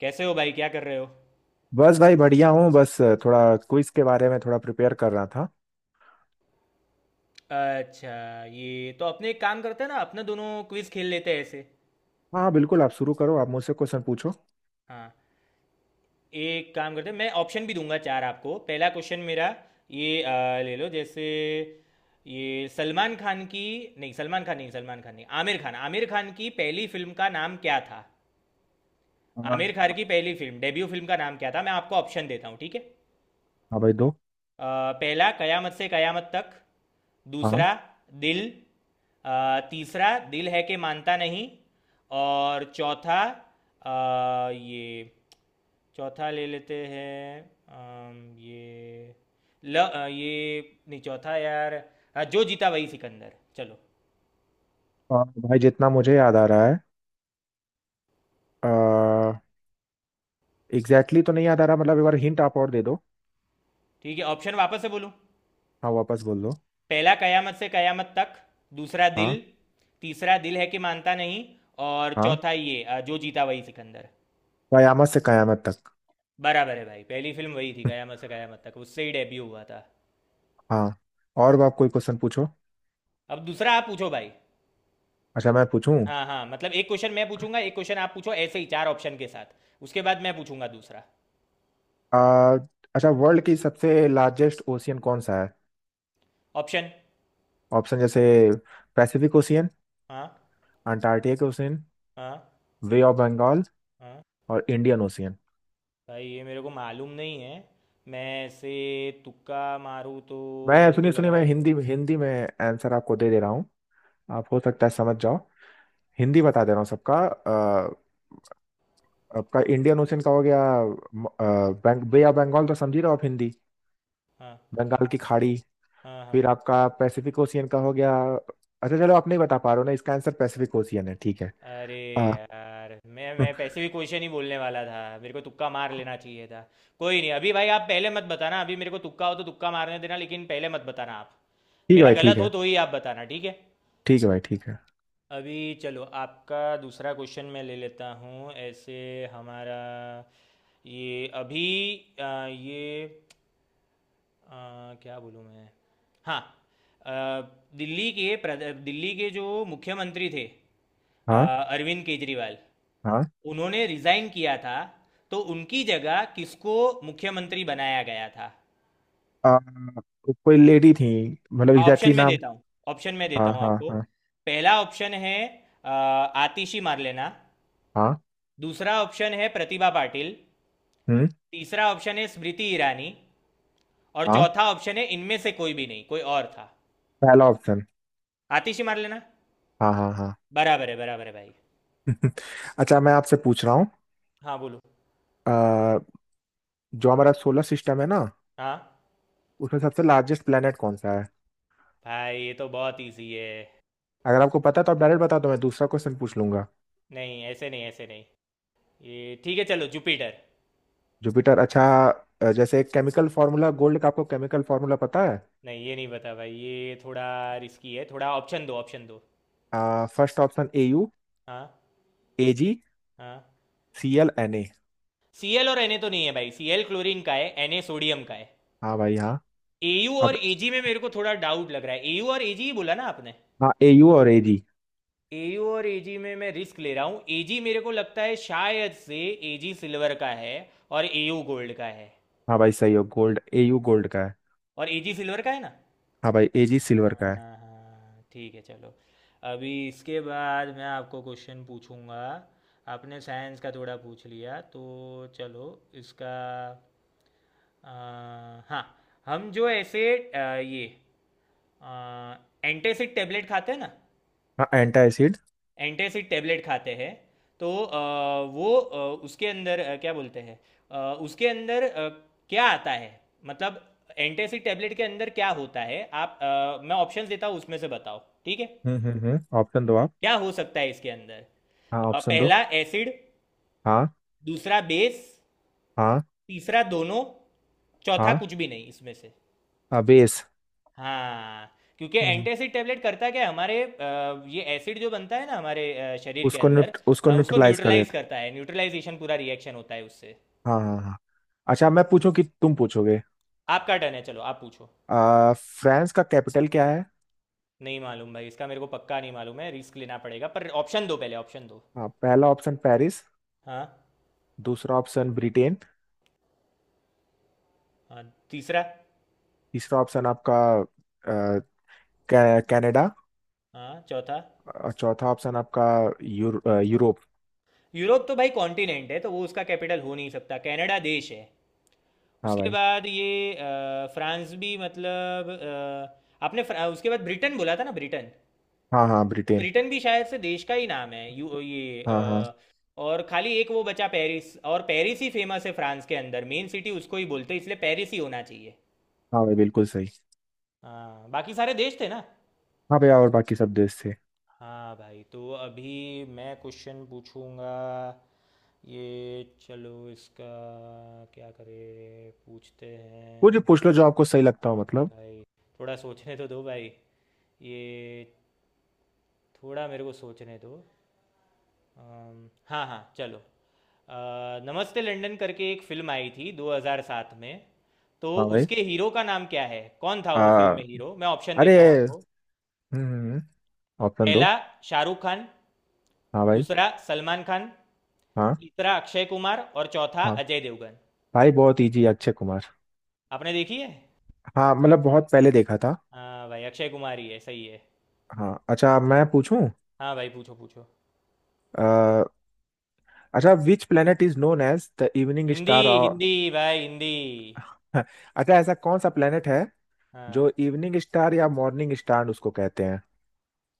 कैसे हो भाई? क्या कर रहे हो? बस भाई, बढ़िया हूँ। बस थोड़ा क्विज के बारे में थोड़ा प्रिपेयर कर रहा था। अच्छा, ये तो अपने एक काम करते हैं ना, अपने दोनों क्विज खेल लेते हैं ऐसे। हाँ बिल्कुल, आप शुरू करो, आप मुझसे क्वेश्चन पूछो। हाँ, एक काम करते हैं, मैं ऑप्शन भी दूंगा चार आपको। पहला क्वेश्चन मेरा ये ले लो जैसे। ये सलमान खान की, नहीं सलमान खान नहीं, सलमान खान नहीं, आमिर खान, आमिर खान की पहली फिल्म का नाम क्या था? आमिर हाँ। खान की पहली फिल्म, डेब्यू फिल्म का नाम क्या था? मैं आपको ऑप्शन देता हूँ, ठीक है। हाँ भाई, दो। अ, पहला कयामत से कयामत तक, हाँ। दूसरा दिल, अ, तीसरा दिल है कि मानता नहीं, और चौथा अ, ये। चौथा ले लेते हैं। ये ये, नहीं चौथा यार। हाँ, जो जीता वही सिकंदर, चलो। भाई, जितना मुझे याद आ रहा है, एग्जैक्टली exactly तो नहीं याद आ रहा। मतलब एक बार हिंट आप और दे दो। ठीक है, ऑप्शन वापस से बोलूँ? हाँ, वापस बोल दो। पहला कयामत से कयामत तक, दूसरा दिल, हाँ। तीसरा दिल है कि मानता नहीं, और हाँ, चौथा ये जो जीता वही सिकंदर। कयामत से कयामत तक। बराबर है भाई, पहली फिल्म वही थी कयामत से कयामत तक, उससे ही डेब्यू हुआ था। हाँ। और आप कोई क्वेश्चन पूछो। अब दूसरा आप पूछो भाई। अच्छा, मैं पूछूं? हाँ हाँ, मतलब एक क्वेश्चन मैं पूछूंगा, एक क्वेश्चन आप पूछो ऐसे ही चार ऑप्शन के साथ। उसके बाद मैं पूछूंगा दूसरा। आ, अच्छा, वर्ल्ड की सबसे लार्जेस्ट ओशियन कौन सा है? ऑप्शन। ऑप्शन जैसे, पैसिफिक ओशियन, हाँ। अंटार्कटिक ओशियन, हाँ बे ऑफ बंगाल, हाँ। और इंडियन ओशियन। भाई ये मेरे को मालूम नहीं है। मैं ऐसे तुक्का मारूँ तो? मैं, मेरे को सुनिए लग सुनिए, रहा मैं है। हिंदी हिंदी में आंसर आपको दे दे रहा हूँ। आप हो सकता है समझ जाओ। हिंदी बता दे रहा हूँ सबका। आपका इंडियन ओशन का हो गया। म- अ, बे ऑफ बंगाल तो समझ ही रहे हो आप, हिंदी हाँ बंगाल की खाड़ी। हाँ हाँ। फिर आपका पैसिफिक ओशियन का हो गया। अच्छा चलो, आप नहीं बता पा रहे हो ना, इसका आंसर पैसिफिक ओशियन है, ठीक है। अरे अ, यार, मैं मैं पैसे भी क्वेश्चन ही बोलने वाला था, मेरे को तुक्का मार लेना चाहिए था। कोई नहीं, अभी भाई आप पहले मत बताना, अभी मेरे को तुक्का हो तो तुक्का मारने देना, लेकिन पहले मत बताना आप। ठीक है मेरा भाई, ठीक गलत है। हो तो ही आप बताना, ठीक है। ठीक है भाई, ठीक है। अभी चलो, आपका दूसरा क्वेश्चन मैं ले लेता हूँ ऐसे। हमारा ये अभी ये, क्या बोलूँ मैं? हाँ। अ, दिल्ली के जो मुख्यमंत्री थे, हाँ। अरविंद केजरीवाल, हाँ। उन्होंने रिजाइन किया था, तो उनकी जगह किसको मुख्यमंत्री बनाया गया था? आ, कोई लेडी थी, मतलब ऑप्शन एग्जैक्टली में नाम। देता हूँ, ऑप्शन में देता हाँ, हूँ हाँ, आपको। हाँ। पहला ऑप्शन है अ, आतिशी मारलेना, हाँ। दूसरा ऑप्शन है प्रतिभा पाटिल, हम्म। तीसरा ऑप्शन है स्मृति ईरानी, और हाँ। चौथा ऑप्शन है इनमें से कोई भी नहीं, कोई और था। पहला ऑप्शन। आतिशी मारलेना। हाँ, हाँ, हाँ। बराबर है, बराबर है भाई। अच्छा, मैं आपसे पूछ रहा हूँ। हाँ बोलो। अ, जो हमारा सोलर सिस्टम है ना, हाँ उसमें सबसे लार्जेस्ट प्लेनेट कौन सा है? भाई ये तो बहुत इजी है। अगर आपको पता है तो आप डायरेक्ट बता दो, मैं दूसरा क्वेश्चन पूछ लूंगा। नहीं ऐसे नहीं, ऐसे नहीं। ये ठीक है, चलो जुपिटर। जुपिटर। अच्छा। जैसे एक केमिकल फार्मूला गोल्ड का, आपको केमिकल फार्मूला पता है? नहीं ये नहीं बता भाई, ये थोड़ा रिस्की है, थोड़ा ऑप्शन दो, ऑप्शन दो। फर्स्ट ऑप्शन ए यू, हाँ। ए जी, हाँ। C L N A. C L और एन ए तो नहीं है भाई, सी एल क्लोरीन का है, एन ए सोडियम का है। हाँ भाई, हाँ। ए यू अब, और ए जी में मेरे को थोड़ा डाउट लग रहा है। ए यू और ए जी ही बोला ना आपने? हाँ, ए यू और ए जी। ए यू और ए जी में मैं रिस्क ले रहा हूँ। ए जी, मेरे को लगता है शायद से ए जी सिल्वर का है और ए यू गोल्ड का है। हाँ भाई, सही हो। गोल्ड, ए यू गोल्ड का है। और ए जी सिल्वर का है ना? हाँ भाई, ए जी सिल्वर का हाँ है। हाँ, ठीक है चलो। अभी इसके बाद मैं आपको क्वेश्चन पूछूंगा, आपने साइंस का थोड़ा पूछ लिया तो। चलो इसका अ, हाँ, हम जो ऐसे ये एंटासिड टेबलेट खाते हैं ना, हाँ, एंटा एसिड। एंटासिड टेबलेट खाते हैं, तो वो उसके अंदर क्या बोलते हैं, अ, उसके अंदर क्या आता है, मतलब एंटासिड टेबलेट के अंदर क्या होता है? आप मैं ऑप्शंस देता हूँ, उसमें से बताओ, ठीक है। हम्म, हम्म, हम्म, ऑप्शन दो आप। क्या हो सकता है इसके अंदर? हाँ, ऑप्शन दो। पहला एसिड, हाँ, दूसरा बेस, हाँ, तीसरा दोनों, चौथा हाँ। कुछ भी नहीं इसमें से। बेस। हाँ। क्योंकि एंटासिड टेबलेट करता क्या है, हमारे ये एसिड जो बनता है ना हमारे शरीर के अंदर, उसको उसको न्यूट्रलाइज कर न्यूट्रलाइज देता। करता है, न्यूट्रलाइजेशन पूरा रिएक्शन होता है उससे। हाँ, हाँ, हाँ। अच्छा, मैं पूछूं कि तुम पूछोगे? आपका टर्न है, चलो आप पूछो। फ्रांस का कैपिटल क्या है? नहीं मालूम भाई, इसका मेरे को पक्का नहीं मालूम है, रिस्क लेना पड़ेगा, पर ऑप्शन दो, पहले ऑप्शन दो। हाँ, पहला ऑप्शन पेरिस। हाँ। दूसरा ऑप्शन ब्रिटेन। हाँ। तीसरा। तीसरा ऑप्शन आपका, आ, कनाडा। हाँ चौथा। और चौथा ऑप्शन आपका, यूरोप। यूरोप तो भाई कॉन्टिनेंट है, तो वो उसका कैपिटल हो नहीं सकता। कनाडा देश है। हाँ उसके भाई। बाद ये फ्रांस भी मतलब उसके बाद ब्रिटेन बोला था ना, ब्रिटेन। हाँ, हाँ तो ब्रिटेन। ब्रिटेन भी शायद से देश का ही नाम है। यू ये हाँ। हाँ और खाली एक वो बचा पेरिस, और पेरिस ही फेमस है फ्रांस के अंदर मेन सिटी, उसको ही बोलते हैं, इसलिए पेरिस ही होना चाहिए। हाँ भाई, बिल्कुल सही। हाँ, बाकी सारे देश थे ना। हाँ भैया, और बाकी सब देश थे। हाँ भाई, तो अभी मैं क्वेश्चन पूछूंगा। ये चलो इसका, क्या करें पूछते कुछ हैं? भी पूछ लो जो आपको सही लगता हो, हाँ मतलब। भाई, थोड़ा सोचने तो दो भाई, ये थोड़ा मेरे को सोचने दो। हाँ हाँ चलो। नमस्ते लंदन करके एक फिल्म आई थी 2007 में, तो हाँ भाई। उसके हीरो का नाम क्या है? कौन था वो फिल्म आ, में हीरो? मैं ऑप्शन देता हूँ अरे। आपको। हम्म। ऑप्शन दो। पहला शाहरुख खान, हाँ भाई। दूसरा सलमान खान, हाँ तीसरा अक्षय कुमार, और चौथा हाँ अजय देवगन। भाई, बहुत इजी है, अक्षय कुमार। आपने देखी है? हाँ, मतलब बहुत पहले हाँ। देखा था। हाँ भाई, अक्षय कुमार ही है, सही है। हाँ। अच्छा, मैं पूछूं। हाँ भाई पूछो पूछो। अ, अच्छा, which planet is known as the evening Hindi star और... हिंदी भाई हिंदी। अच्छा, ऐसा कौन सा planet है जो हाँ। इवनिंग स्टार या मॉर्निंग स्टार उसको कहते हैं?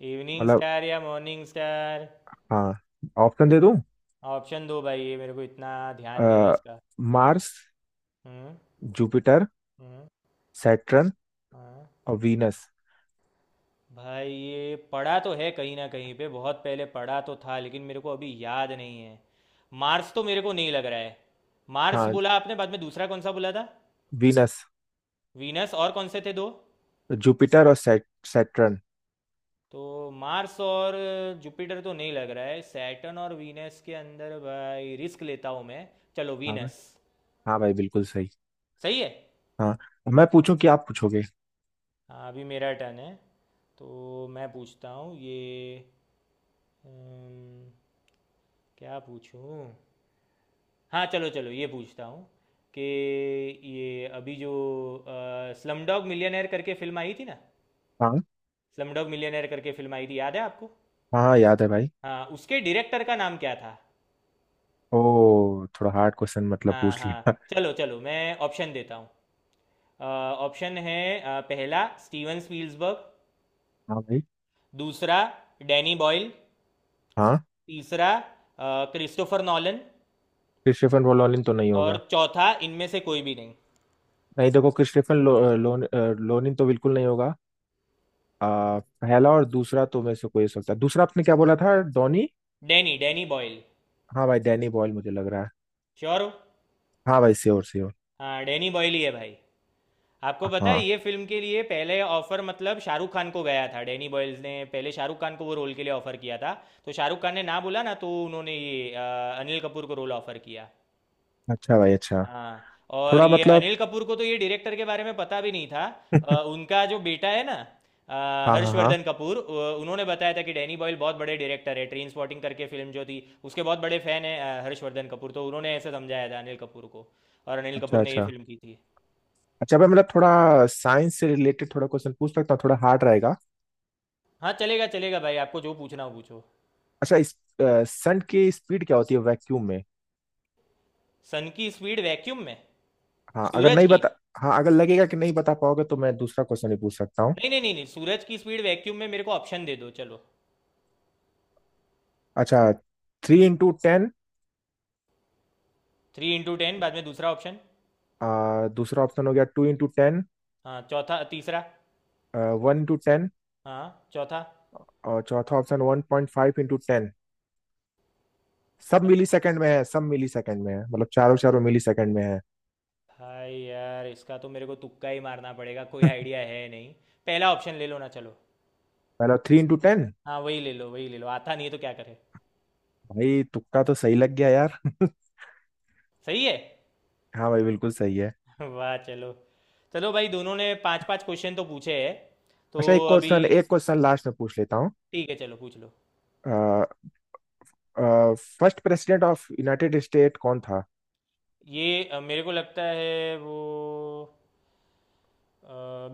इवनिंग मतलब। स्टार या मॉर्निंग स्टार? हाँ। ऑप्शन दे दूं? ऑप्शन दो भाई, ये मेरे को इतना ध्यान नहीं है आ, इसका। मार्स, हम्म। जुपिटर, हम्म। सैटर्न, हाँ और वीनस। भाई, ये पढ़ा तो है कहीं ना कहीं पे, बहुत पहले पढ़ा तो था, लेकिन मेरे को अभी याद नहीं है। मार्स तो मेरे को नहीं लग रहा है। मार्स हाँ, बोला आपने, बाद में दूसरा कौन सा बोला था? वीनस। वीनस और कौन से थे दो? जुपिटर और सैटर्न। तो मार्स और जुपिटर तो नहीं लग रहा है, सैटर्न और वीनस के अंदर भाई रिस्क लेता हूँ मैं। चलो हाँ भाई। वीनस। हाँ भाई, बिल्कुल सही। सही है। हाँ। मैं पूछूं कि आप पूछोगे? हाँ अभी मेरा टर्न है, तो मैं पूछता हूँ ये अम, क्या पूछूँ? हाँ चलो चलो, ये पूछता हूँ कि ये अभी जो स्लम डॉग मिलियनेयर करके फिल्म आई थी ना, हाँ। स्लम डॉग मिलियनेयर करके फिल्म आई थी, याद है आपको? हाँ, हाँ याद है भाई। हाँ उसके डायरेक्टर का नाम क्या था? ओ, थोड़ा हार्ड क्वेश्चन मतलब हाँ पूछ लिया। हाँ चलो चलो, मैं ऑप्शन देता हूँ। अ, ऑप्शन है पहला स्टीवन स्पील्सबर्ग, हाँ भाई। दूसरा डैनी बॉयल, हाँ। तीसरा क्रिस्टोफर नॉलन, क्रिस्टोफर लोनिन तो नहीं और होगा? चौथा इनमें से कोई भी नहीं। नहीं देखो, क्रिस्टोफर लो, लोन, अ, लोनिन तो बिल्कुल नहीं होगा। पहला और दूसरा तो मेरे से कोई हो सकता है। दूसरा आपने क्या बोला था, डॉनी? Danny Danny Boyle. हाँ भाई, डैनी बॉयल मुझे लग रहा है। श्योर हो? हाँ भाई, श्योर श्योर। हाँ डैनी बॉयल ही है भाई। आपको पता है, हाँ। ये फिल्म के लिए पहले ऑफर मतलब शाहरुख खान को गया था, डैनी बॉयल्स ने पहले शाहरुख खान को वो रोल के लिए ऑफर किया था। तो शाहरुख खान ने ना बोला ना, तो उन्होंने ये अनिल कपूर को रोल ऑफर किया। अच्छा भाई, अच्छा। हाँ, और थोड़ा ये मतलब। अनिल कपूर को तो ये डायरेक्टर के बारे में पता भी नहीं था। उनका जो बेटा है ना, हाँ, हाँ, हाँ। हर्षवर्धन कपूर, उन्होंने बताया था कि डैनी बॉयल बहुत बड़े डायरेक्टर है, ट्रेन स्पॉटिंग करके फिल्म जो थी उसके बहुत बड़े फैन है हर्षवर्धन कपूर, तो उन्होंने ऐसे समझाया था अनिल कपूर को, और अनिल कपूर अच्छा, ने ये अच्छा। फिल्म की थी। अच्छा भाई, मतलब थोड़ा साइंस से रिलेटेड थोड़ा क्वेश्चन पूछ सकता हूँ, थोड़ा हार्ड रहेगा। हाँ चलेगा चलेगा भाई, आपको जो पूछना हो पूछो। अच्छा, इस सन की स्पीड क्या होती है वैक्यूम में? सन की स्पीड वैक्यूम में? हाँ, अगर सूरज नहीं की? बता। हाँ, अगर लगेगा कि नहीं बता पाओगे तो मैं दूसरा क्वेश्चन भी पूछ सकता हूँ। नहीं नहीं नहीं नहीं, सूरज की स्पीड वैक्यूम में मेरे को ऑप्शन दे दो चलो। अच्छा। Three into ten. Three into ten, बाद में दूसरा ऑप्शन। दूसरा ऑप्शन हो गया, टू इंटू टेन। हाँ चौथा। तीसरा। One into ten. हाँ चौथा। और चौथा option one point five into ten. सब मिली सेकेंड में है, सब मिली सेकेंड में है, मतलब चारों चारों मिली सेकेंड में है। भाई यार इसका तो मेरे को तुक्का ही मारना पड़ेगा, कोई आइडिया है नहीं। पहला ऑप्शन ले लो ना चलो। पहला, थ्री इंटू टेन। हाँ वही ले लो, वही ले लो, आता नहीं है तो क्या करे। भाई, तुक्का तो सही लग गया यार। सही है। हाँ भाई, बिल्कुल सही है। वाह चलो। चलो भाई, दोनों ने पांच पांच क्वेश्चन तो पूछे हैं तो। अच्छा, अभी एक क्वेश्चन लास्ट में पूछ लेता हूँ। ठीक है चलो पूछ लो। First president of United State कौन था? ये मेरे को लगता है वो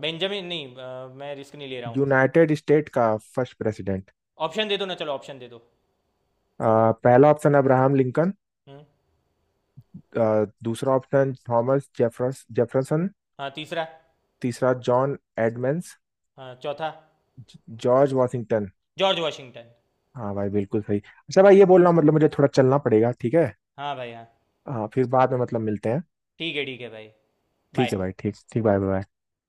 बेंजामिन, नहीं मैं रिस्क नहीं ले रहा हूँ। यूनाइटेड स्टेट का फर्स्ट प्रेसिडेंट। ऑप्शन दे दो ना चलो, ऑप्शन दे दो। पहला ऑप्शन अब्राहम लिंकन। हम्म। दूसरा ऑप्शन थॉमस जेफरस जेफरसन। हाँ तीसरा। तीसरा जॉन एडमंड्स। हाँ चौथा। George Washington. George Washington. हाँ भाई, बिल्कुल सही। अच्छा भाई, ये बोल रहा हूँ, मतलब मुझे थोड़ा चलना पड़ेगा, ठीक है। हाँ भाई हाँ। हाँ, फिर बाद में मतलब मिलते हैं। ठीक है, ठीक है भाई। ठीक है बाय। भाई, ठीक ठीक, बाय बाय।